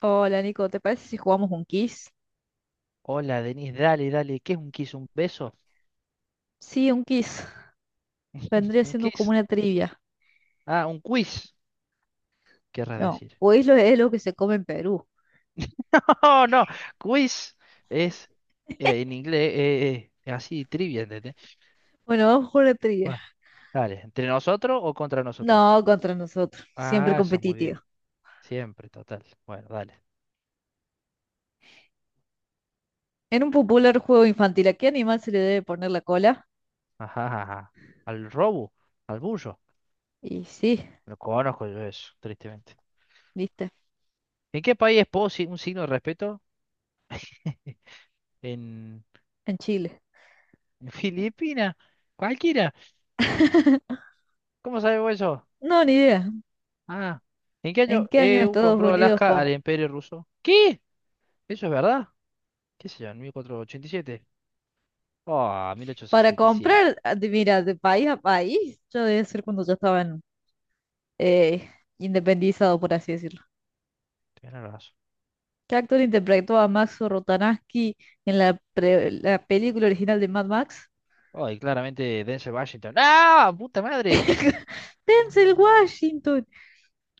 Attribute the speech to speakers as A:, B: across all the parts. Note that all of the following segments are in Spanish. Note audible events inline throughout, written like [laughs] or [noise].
A: Hola Nico, ¿te parece si jugamos un quiz?
B: Hola, Denis, dale, dale. ¿Qué es un kiss? ¿Un beso?
A: Sí, un quiz. Vendría
B: ¿Un
A: siendo como
B: kiss?
A: una trivia.
B: Ah, un quiz, querrás
A: No,
B: decir.
A: quiz lo es lo que se come en Perú.
B: [laughs] ¡Oh, no! Quiz es en inglés así, trivia, ¿entendés?
A: Bueno, vamos con una trivia.
B: Bueno, dale. ¿Entre nosotros o contra nosotros?
A: No, contra nosotros. Siempre
B: Ah, eso es muy
A: competitivo.
B: bien. Siempre, total. Bueno, dale.
A: En un popular juego infantil, ¿a qué animal se le debe poner la cola?
B: Ajá, ajá, ajá. Al robo, al bullo.
A: Y sí,
B: No conozco yo eso, tristemente.
A: viste,
B: ¿En qué país es posi un signo de respeto? [laughs] ¿En
A: en Chile.
B: Filipinas? ¿Cualquiera?
A: [laughs]
B: ¿Cómo sabemos eso?
A: No, ni idea.
B: Ah, ¿en qué
A: ¿En
B: año
A: qué año
B: EU
A: Estados
B: compró
A: Unidos
B: Alaska
A: com-
B: al Imperio Ruso? ¿Qué? ¿Eso es verdad? ¿Qué sé yo? ¿En 1487? Oh,
A: Para
B: 1867.
A: comprar, mira, de país a país, yo debe ser cuando ya estaban en- eh, independizado, por así decirlo.
B: Tenés razón.
A: ¿Qué actor interpretó a Max Rotanansky en la, pre- la película original de Mad Max?
B: Oh, y claramente Denzel Washington. ¡Ah! ¡Puta madre!
A: [laughs] Denzel Washington.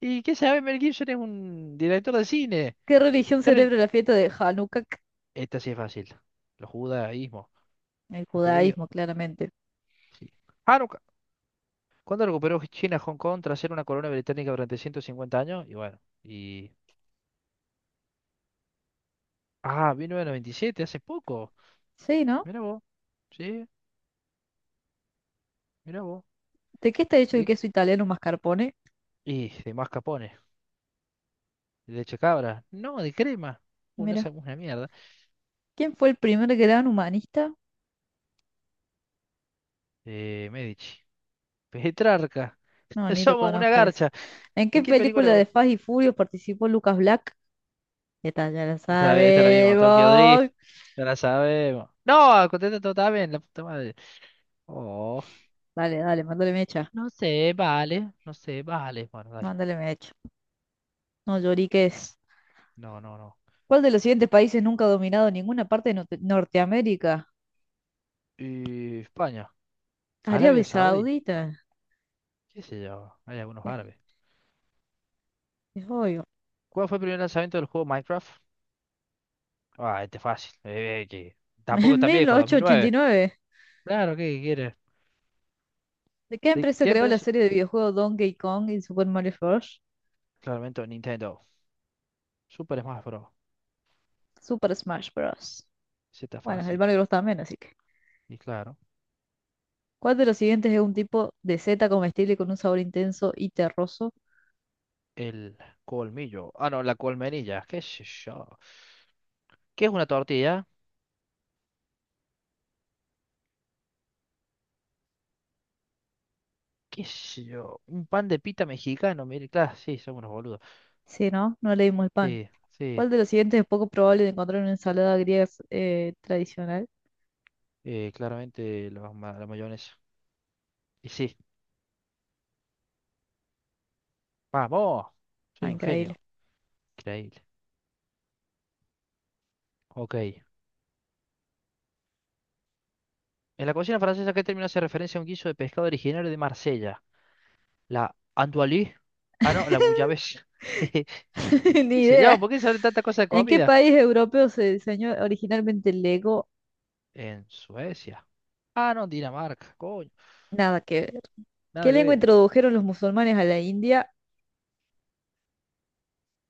B: ¿Y qué sabe? Mel Gibson es un director de cine.
A: ¿Qué religión
B: Terry-
A: celebra la fiesta de Hanukkah?
B: Esta sí es fácil. Los judaísmos.
A: El
B: Los judíos.
A: judaísmo, claramente.
B: Sí. Hanukkah. ¿Cuándo recuperó China Hong Kong tras ser una colonia británica durante 150 años? Y bueno. Ah, 1997, hace poco.
A: Sí, ¿no?
B: Mira vos. Sí, mira vos.
A: ¿De qué está hecho el
B: ¿De
A: queso italiano mascarpone?
B: Y de mascarpone, de leche cabra, no, de crema, no
A: Mira.
B: sabemos una mierda.
A: ¿Quién fue el primer gran humanista?
B: Medici, Petrarca,
A: No,
B: [laughs]
A: ni lo
B: somos una
A: conozco eso.
B: garcha.
A: ¿En qué
B: ¿En qué
A: película
B: película?
A: de Fast y Furious participó Lucas Black? Esta ya la
B: Esta la vimos, Tokyo Drift,
A: sabemos.
B: ya la sabemos. No, contesta todo está bien, la puta madre. Oh,
A: Dale, dale, mándale mecha.
B: no sé, vale, no sé, vale. Bueno, dale.
A: Mándale mecha. No lloriques.
B: No, no, no.
A: ¿Cuál de los siguientes países nunca ha dominado ninguna parte de Norteamérica?
B: Y España,
A: Arabia
B: Arabia Saudí,
A: Saudita.
B: qué sé yo, hay algunos
A: Es,
B: árabes.
A: es obvio.
B: ¿Cuál fue el primer lanzamiento del juego Minecraft? Ah, este es fácil, que
A: [laughs] En
B: tampoco es tan
A: mil
B: viejo,
A: ochocientos ochenta y
B: 2009.
A: nueve.
B: Claro, ¿qué quieres?
A: ¿De qué
B: ¿De
A: empresa
B: qué
A: creó la
B: empresa?
A: serie de videojuegos Donkey Kong y Super Mario Bros?
B: Claramente Nintendo. Super Smash Bros.
A: Super Smash Bros.
B: Sí, está
A: Bueno, el
B: fácil.
A: Mario Bros también, así que.
B: Y claro,
A: ¿Cuál de los siguientes es un tipo de seta comestible con un sabor intenso y terroso?
B: el colmillo. Ah, no, la colmenilla. ¿Qué sé yo? ¿Qué es una tortilla? ¿Qué sé yo? Un pan de pita mexicano. Mire, claro, sí, somos unos boludos.
A: Sí, ¿no? No leímos el pan.
B: Sí, sí.
A: ¿Cuál de los siguientes es poco probable de encontrar en una ensalada griega tradicional?
B: Claramente la mayonesa. Y sí. ¡Vamos!
A: Ah,
B: Soy un
A: increíble.
B: genio. Increíble. Ok. En la cocina francesa, ¿qué término hace referencia a un guiso de pescado originario de Marsella? La andoualie. Ah, no, la bouillabaisse.
A: [laughs]
B: [laughs]
A: Ni
B: Qué sé
A: idea.
B: yo, ¿por qué sale tanta cosa de
A: ¿En qué
B: comida?
A: país europeo se diseñó originalmente el Lego?
B: En Suecia. Ah, no, Dinamarca, coño.
A: Nada que ver. ¿Qué
B: Nada que
A: lengua
B: ver.
A: introdujeron los musulmanes a la India?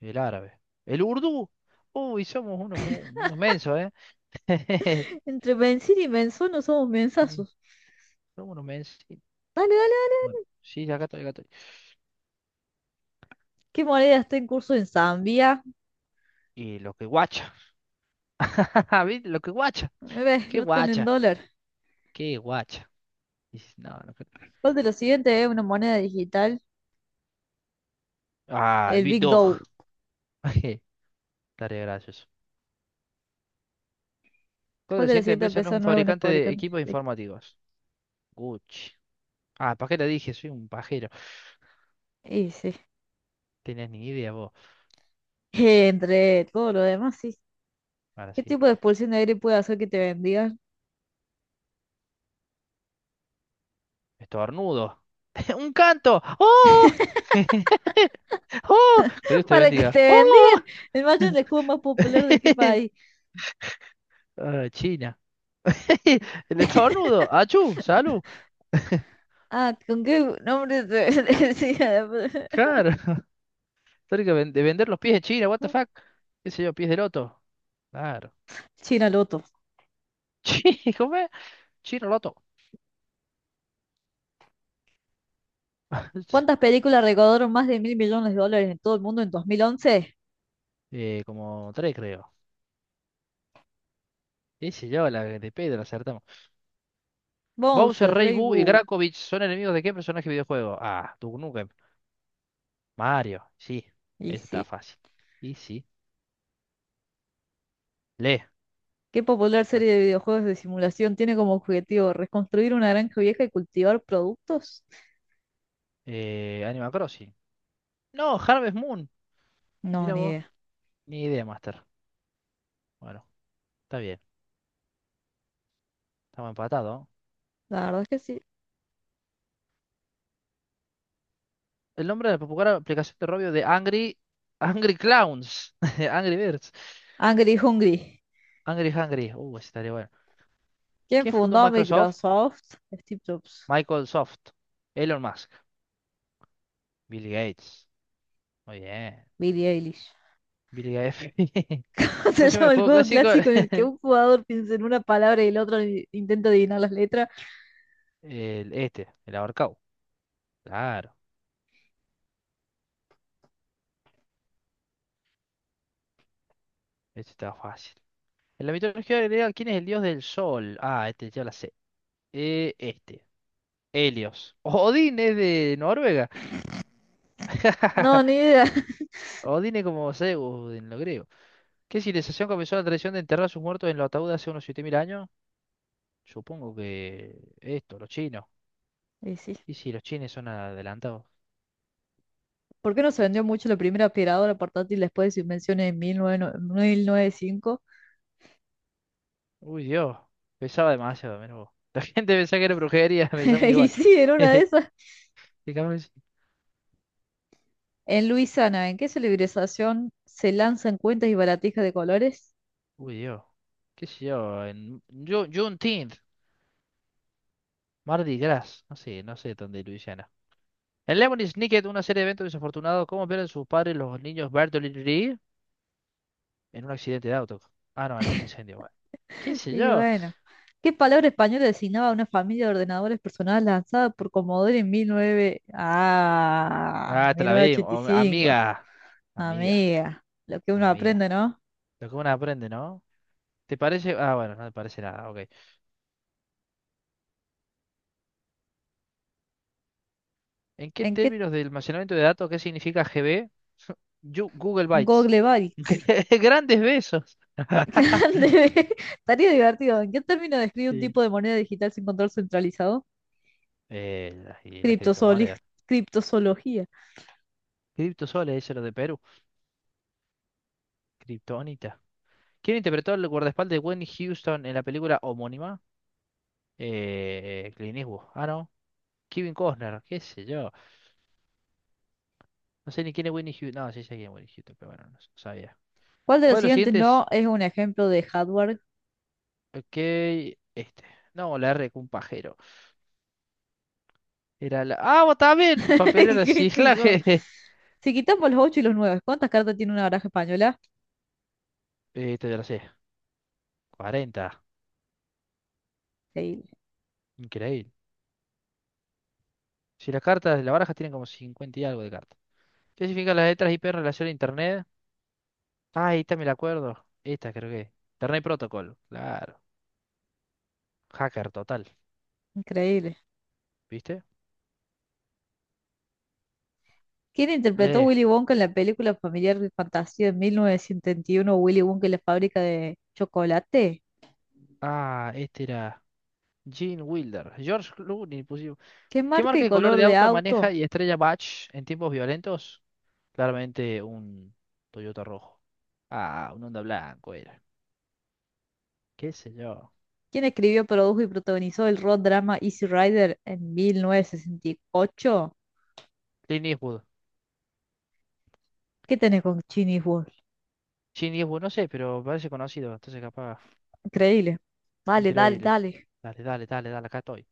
B: El árabe. El urdú. Uy, somos unos mensos, ¿eh? [laughs]
A: Entre Benzín y Benzón no somos
B: Sí,
A: mensazos.
B: somos unos mensos. Sí.
A: Dale, dale, dale.
B: Bueno, sí, acá estoy, acá estoy.
A: ¿Qué moneda está en curso en Zambia?
B: Y lo que guacha. [laughs] ¿Viste? Lo que guacha.
A: Ves,
B: ¿Qué
A: no están en
B: guacha?
A: dólar.
B: ¿Qué guacha? Dices, no, no creo.
A: ¿Cuál de los siguientes es una moneda digital?
B: Ah, el
A: El
B: Big
A: Big Dow.
B: Dog. [laughs] Estaría gracioso. ¿Cuál de
A: ¿Cuál
B: la
A: de las
B: siguiente
A: siguientes
B: empresa no es
A: empresas
B: un
A: no es una
B: fabricante de
A: fabricante
B: equipos
A: de equipo?
B: informáticos? Gucci. Ah, ¿para qué le dije? Soy un pajero.
A: Y sí.
B: Tenías ni idea vos.
A: [laughs] Entre todo lo demás, sí.
B: Ahora
A: ¿Qué
B: sí.
A: tipo de expulsión de aire puede hacer que te bendigan?
B: Estornudo. [laughs] Un canto. ¡Oh! [laughs] ¡Oh! Que Dios
A: [laughs]
B: te
A: Para que
B: bendiga.
A: te
B: ¡Oh!
A: bendigan. El macho es el escudo más popular de qué
B: [laughs]
A: país.
B: Ah, China. [laughs] El
A: [laughs]
B: estornudo. ¡Achú! ¡Salud!
A: Ah, ¿con qué nombre se [laughs] decía? La-
B: Claro. [laughs] Tengo que de vender los pies de China. What the fuck?
A: [laughs]
B: ¿Qué sé yo? Pies de loto. Claro.
A: China Loto.
B: [laughs] ¿Cómo es? Chino loto.
A: ¿Cuántas
B: [laughs]
A: películas recaudaron más de mil millones de dólares en todo el mundo en 2011?
B: Como tres, creo. ¿Qué sé yo? La de Pedro acertamos. Bowser,
A: Bowser,
B: Rey
A: Rey
B: Boo y
A: Boo.
B: Grakovich son enemigos ¿de qué personaje videojuego? Ah, tú nunca Mario, sí,
A: Y
B: esa está
A: sí.
B: fácil. Y sí, lee.
A: ¿Qué popular
B: Bueno,
A: serie de videojuegos de simulación tiene como objetivo reconstruir una granja vieja y cultivar productos?
B: Animal Crossing. No, Harvest Moon.
A: No,
B: Mira
A: ni
B: vos,
A: idea.
B: ni idea, Master. Bueno, está bien, estamos empatados.
A: La verdad es que sí.
B: El nombre de la popular aplicación de robio de Angry, Angry Clowns, [laughs] Angry Birds,
A: Angry Hungry.
B: Angry Hungry. Ese estaría bueno.
A: ¿Quién
B: ¿Quién fundó
A: fundó
B: Microsoft?
A: Microsoft? Steve Jobs.
B: Michael Soft, Elon Musk, Bill Gates. Muy bien,
A: Billie Eilish.
B: Bill Gates.
A: [laughs]
B: [laughs] ¿Cómo
A: Se
B: se llama el
A: llama el
B: juego
A: juego
B: clásico?
A: clásico en el que
B: [laughs]
A: un jugador piensa en una palabra y el otro i- intenta adivinar las letras.
B: El ahorcado. Claro, ese está fácil. En la mitología griega, ¿quién es el dios del sol? Ah, este ya la sé. Este. Helios. [laughs] Odín es de Noruega.
A: No, ni
B: [laughs]
A: idea.
B: Odín es como Zeus en lo griego. ¿Qué civilización comenzó la tradición de enterrar a sus muertos en los ataúdes hace unos 7.000 años? Supongo que esto, los chinos.
A: Y sí.
B: Y si los chinos son adelantados.
A: ¿Por qué no se vendió mucho la primera aspiradora portátil después de su invención en 1909 1905?
B: Uy, Dios. Pesaba demasiado, menos, vos. [laughs] La gente pensaba que era brujería, [laughs]
A: [laughs]
B: pensaba
A: Y
B: igual.
A: sí, en una de
B: [laughs]
A: esas.
B: Fíjame.
A: En Luisiana, ¿en qué celebración se lanzan cuentas y baratijas de colores?
B: Uy, Dios. ¿Qué sé yo? En Juneteenth. Mardi Gras, no sé, no sé dónde de Luisiana. En Lemony Snicket, una serie de eventos desafortunados, ¿cómo pierden sus padres los niños Bertolini en un accidente de auto? Ah, no, en un incendio, bueno. ¿Qué sé
A: Y
B: yo?
A: bueno, ¿qué palabra española designaba a una familia de ordenadores personales lanzada por Commodore en 19... Ah,
B: Ah, te
A: mil
B: la vi,
A: novecientos ochenta y cinco?
B: amiga. Amiga,
A: Amiga, lo que uno
B: amiga.
A: aprende, ¿no?
B: Lo que uno aprende, ¿no? ¿Te parece? Ah, bueno, no te parece nada, ok. ¿En qué
A: ¿En qué
B: términos de almacenamiento de datos, qué significa GB? [laughs] Google Bytes.
A: Google Bytes?
B: [laughs] Grandes besos.
A: Grande.
B: [laughs]
A: [laughs] Estaría divertido. ¿En qué término describe un
B: Sí.
A: tipo de moneda digital sin control centralizado?
B: Y las
A: Criptozoli-
B: criptomonedas.
A: Criptozoología.
B: Criptosoles, eso es lo de Perú. Kryptonita. ¿Quién interpretó el guardaespaldas de Whitney Houston en la película homónima? Clint Eastwood. Ah, no. Kevin Costner, qué sé yo. No sé ni quién es Whitney Houston. No, sí sé quién es Whitney Houston, pero bueno, no sabía.
A: ¿Cuál de
B: ¿Cuál
A: los
B: de los
A: siguientes
B: siguientes?
A: no es un ejemplo de hardware?
B: Ok, este. No, la R con un pajero. Era la. ¡Ah, vos también! Papelera de
A: [laughs] ¿Qué sé yo?
B: reciclaje. [laughs]
A: Si quitamos los 8 y los 9, ¿cuántas cartas tiene una baraja española?
B: Este ya lo sé. 40.
A: Increíble,
B: Increíble. Si las cartas de la baraja tienen como 50 y algo de cartas. ¿Qué significan las letras IP en relación a Internet? Ah, esta me la acuerdo. Esta creo que. Internet Protocol. Claro. Hacker total.
A: increíble.
B: ¿Viste?
A: ¿Quién interpretó a
B: Lee.
A: Willy Wonka en la película familiar de fantasía de 1971, Willy Wonka y la fábrica de chocolate?
B: Ah, este era. Gene Wilder. George Clooney pusimos.
A: ¿Qué
B: ¿Qué
A: marca
B: marca
A: y
B: de color
A: color
B: de
A: de
B: auto maneja
A: auto?
B: y estrella Batch en tiempos violentos? Claramente un Toyota rojo. Ah, un Honda blanco era. ¿Qué sé yo?
A: Quien escribió, produjo y protagonizó el road drama Easy Rider en 1968.
B: Clint Eastwood.
A: ¿Qué tenés con Genius Wolf?
B: Clint Eastwood, no sé, pero parece conocido. Entonces capaz.
A: Increíble. Dale, dale,
B: Increíble.
A: dale.
B: Dale, dale, dale, dale. Acá estoy.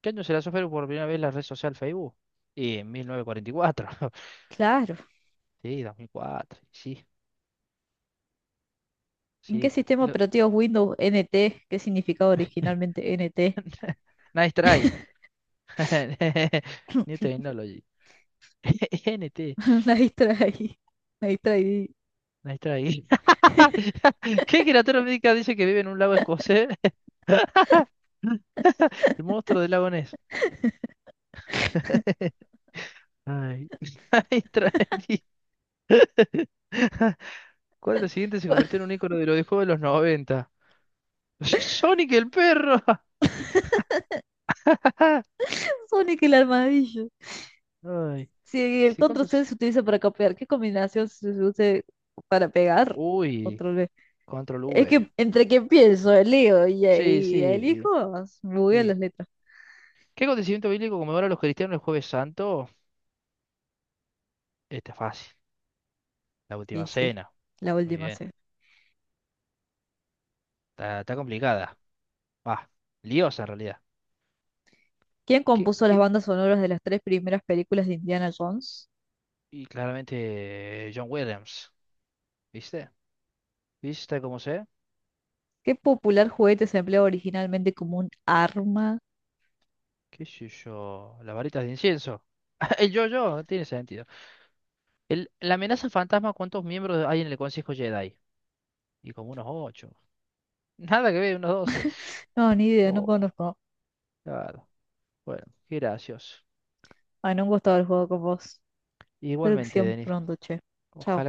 B: ¿Qué año se lanzó Facebook por primera vez la red social Facebook? Y en 1944.
A: Claro.
B: Sí, 2004, sí,
A: ¿En qué
B: sí. ta-
A: sistema
B: lo-
A: operativo es Windows NT? ¿Qué significaba
B: [laughs]
A: originalmente NT?
B: Nice try.
A: [laughs]
B: [laughs] New Technology. [laughs] NT,
A: La distraí. La distraí.
B: nice try. [laughs] ¿Qué criatura médica dice que vive en un lago escocés? [laughs] El monstruo del lago Ness. [laughs] Ay, [laughs] nice try. [laughs] ¿Cuál de los siguientes se convirtió en
A: [laughs]
B: un ícono de los videojuegos de los noventa? [laughs] Sonic el perro. [laughs]
A: Sonic el armadillo.
B: Ay,
A: Si el
B: sí,
A: control C
B: ¿cuántos?
A: se utiliza para copiar, ¿qué combinación se usa para pegar?
B: Uy,
A: Control V.
B: control
A: Es
B: V.
A: que entre que pienso, leo y,
B: Sí,
A: y
B: sí,
A: elijo, bugueo
B: sí.
A: las letras.
B: ¿Qué acontecimiento bíblico conmemora a los cristianos el Jueves Santo? Está fácil. La
A: Y
B: última
A: sí,
B: cena.
A: la
B: Muy
A: última
B: bien.
A: C.
B: Está complicada. Va. Liosa en realidad.
A: ¿Quién
B: ¿Qué,
A: compuso las
B: qué?
A: bandas sonoras de las tres primeras películas de Indiana Jones?
B: Y claramente John Williams. ¿Viste? ¿Viste cómo sé?
A: ¿Qué popular juguete se empleaba originalmente como un arma?
B: ¿Qué sé yo? Las varitas de incienso. [laughs] El yo-yo. No tiene sentido. La amenaza al fantasma. ¿Cuántos miembros hay en el Consejo Jedi? Y como unos ocho. [laughs] Nada que ver, unos doce.
A: No, ni idea, no
B: Oh,
A: conozco.
B: claro. Bueno, qué gracioso.
A: Ay, no me gustado el juego con vos. Espero que
B: Igualmente,
A: sigamos
B: Denis.
A: pronto, che.
B: Ojalá que
A: Chao.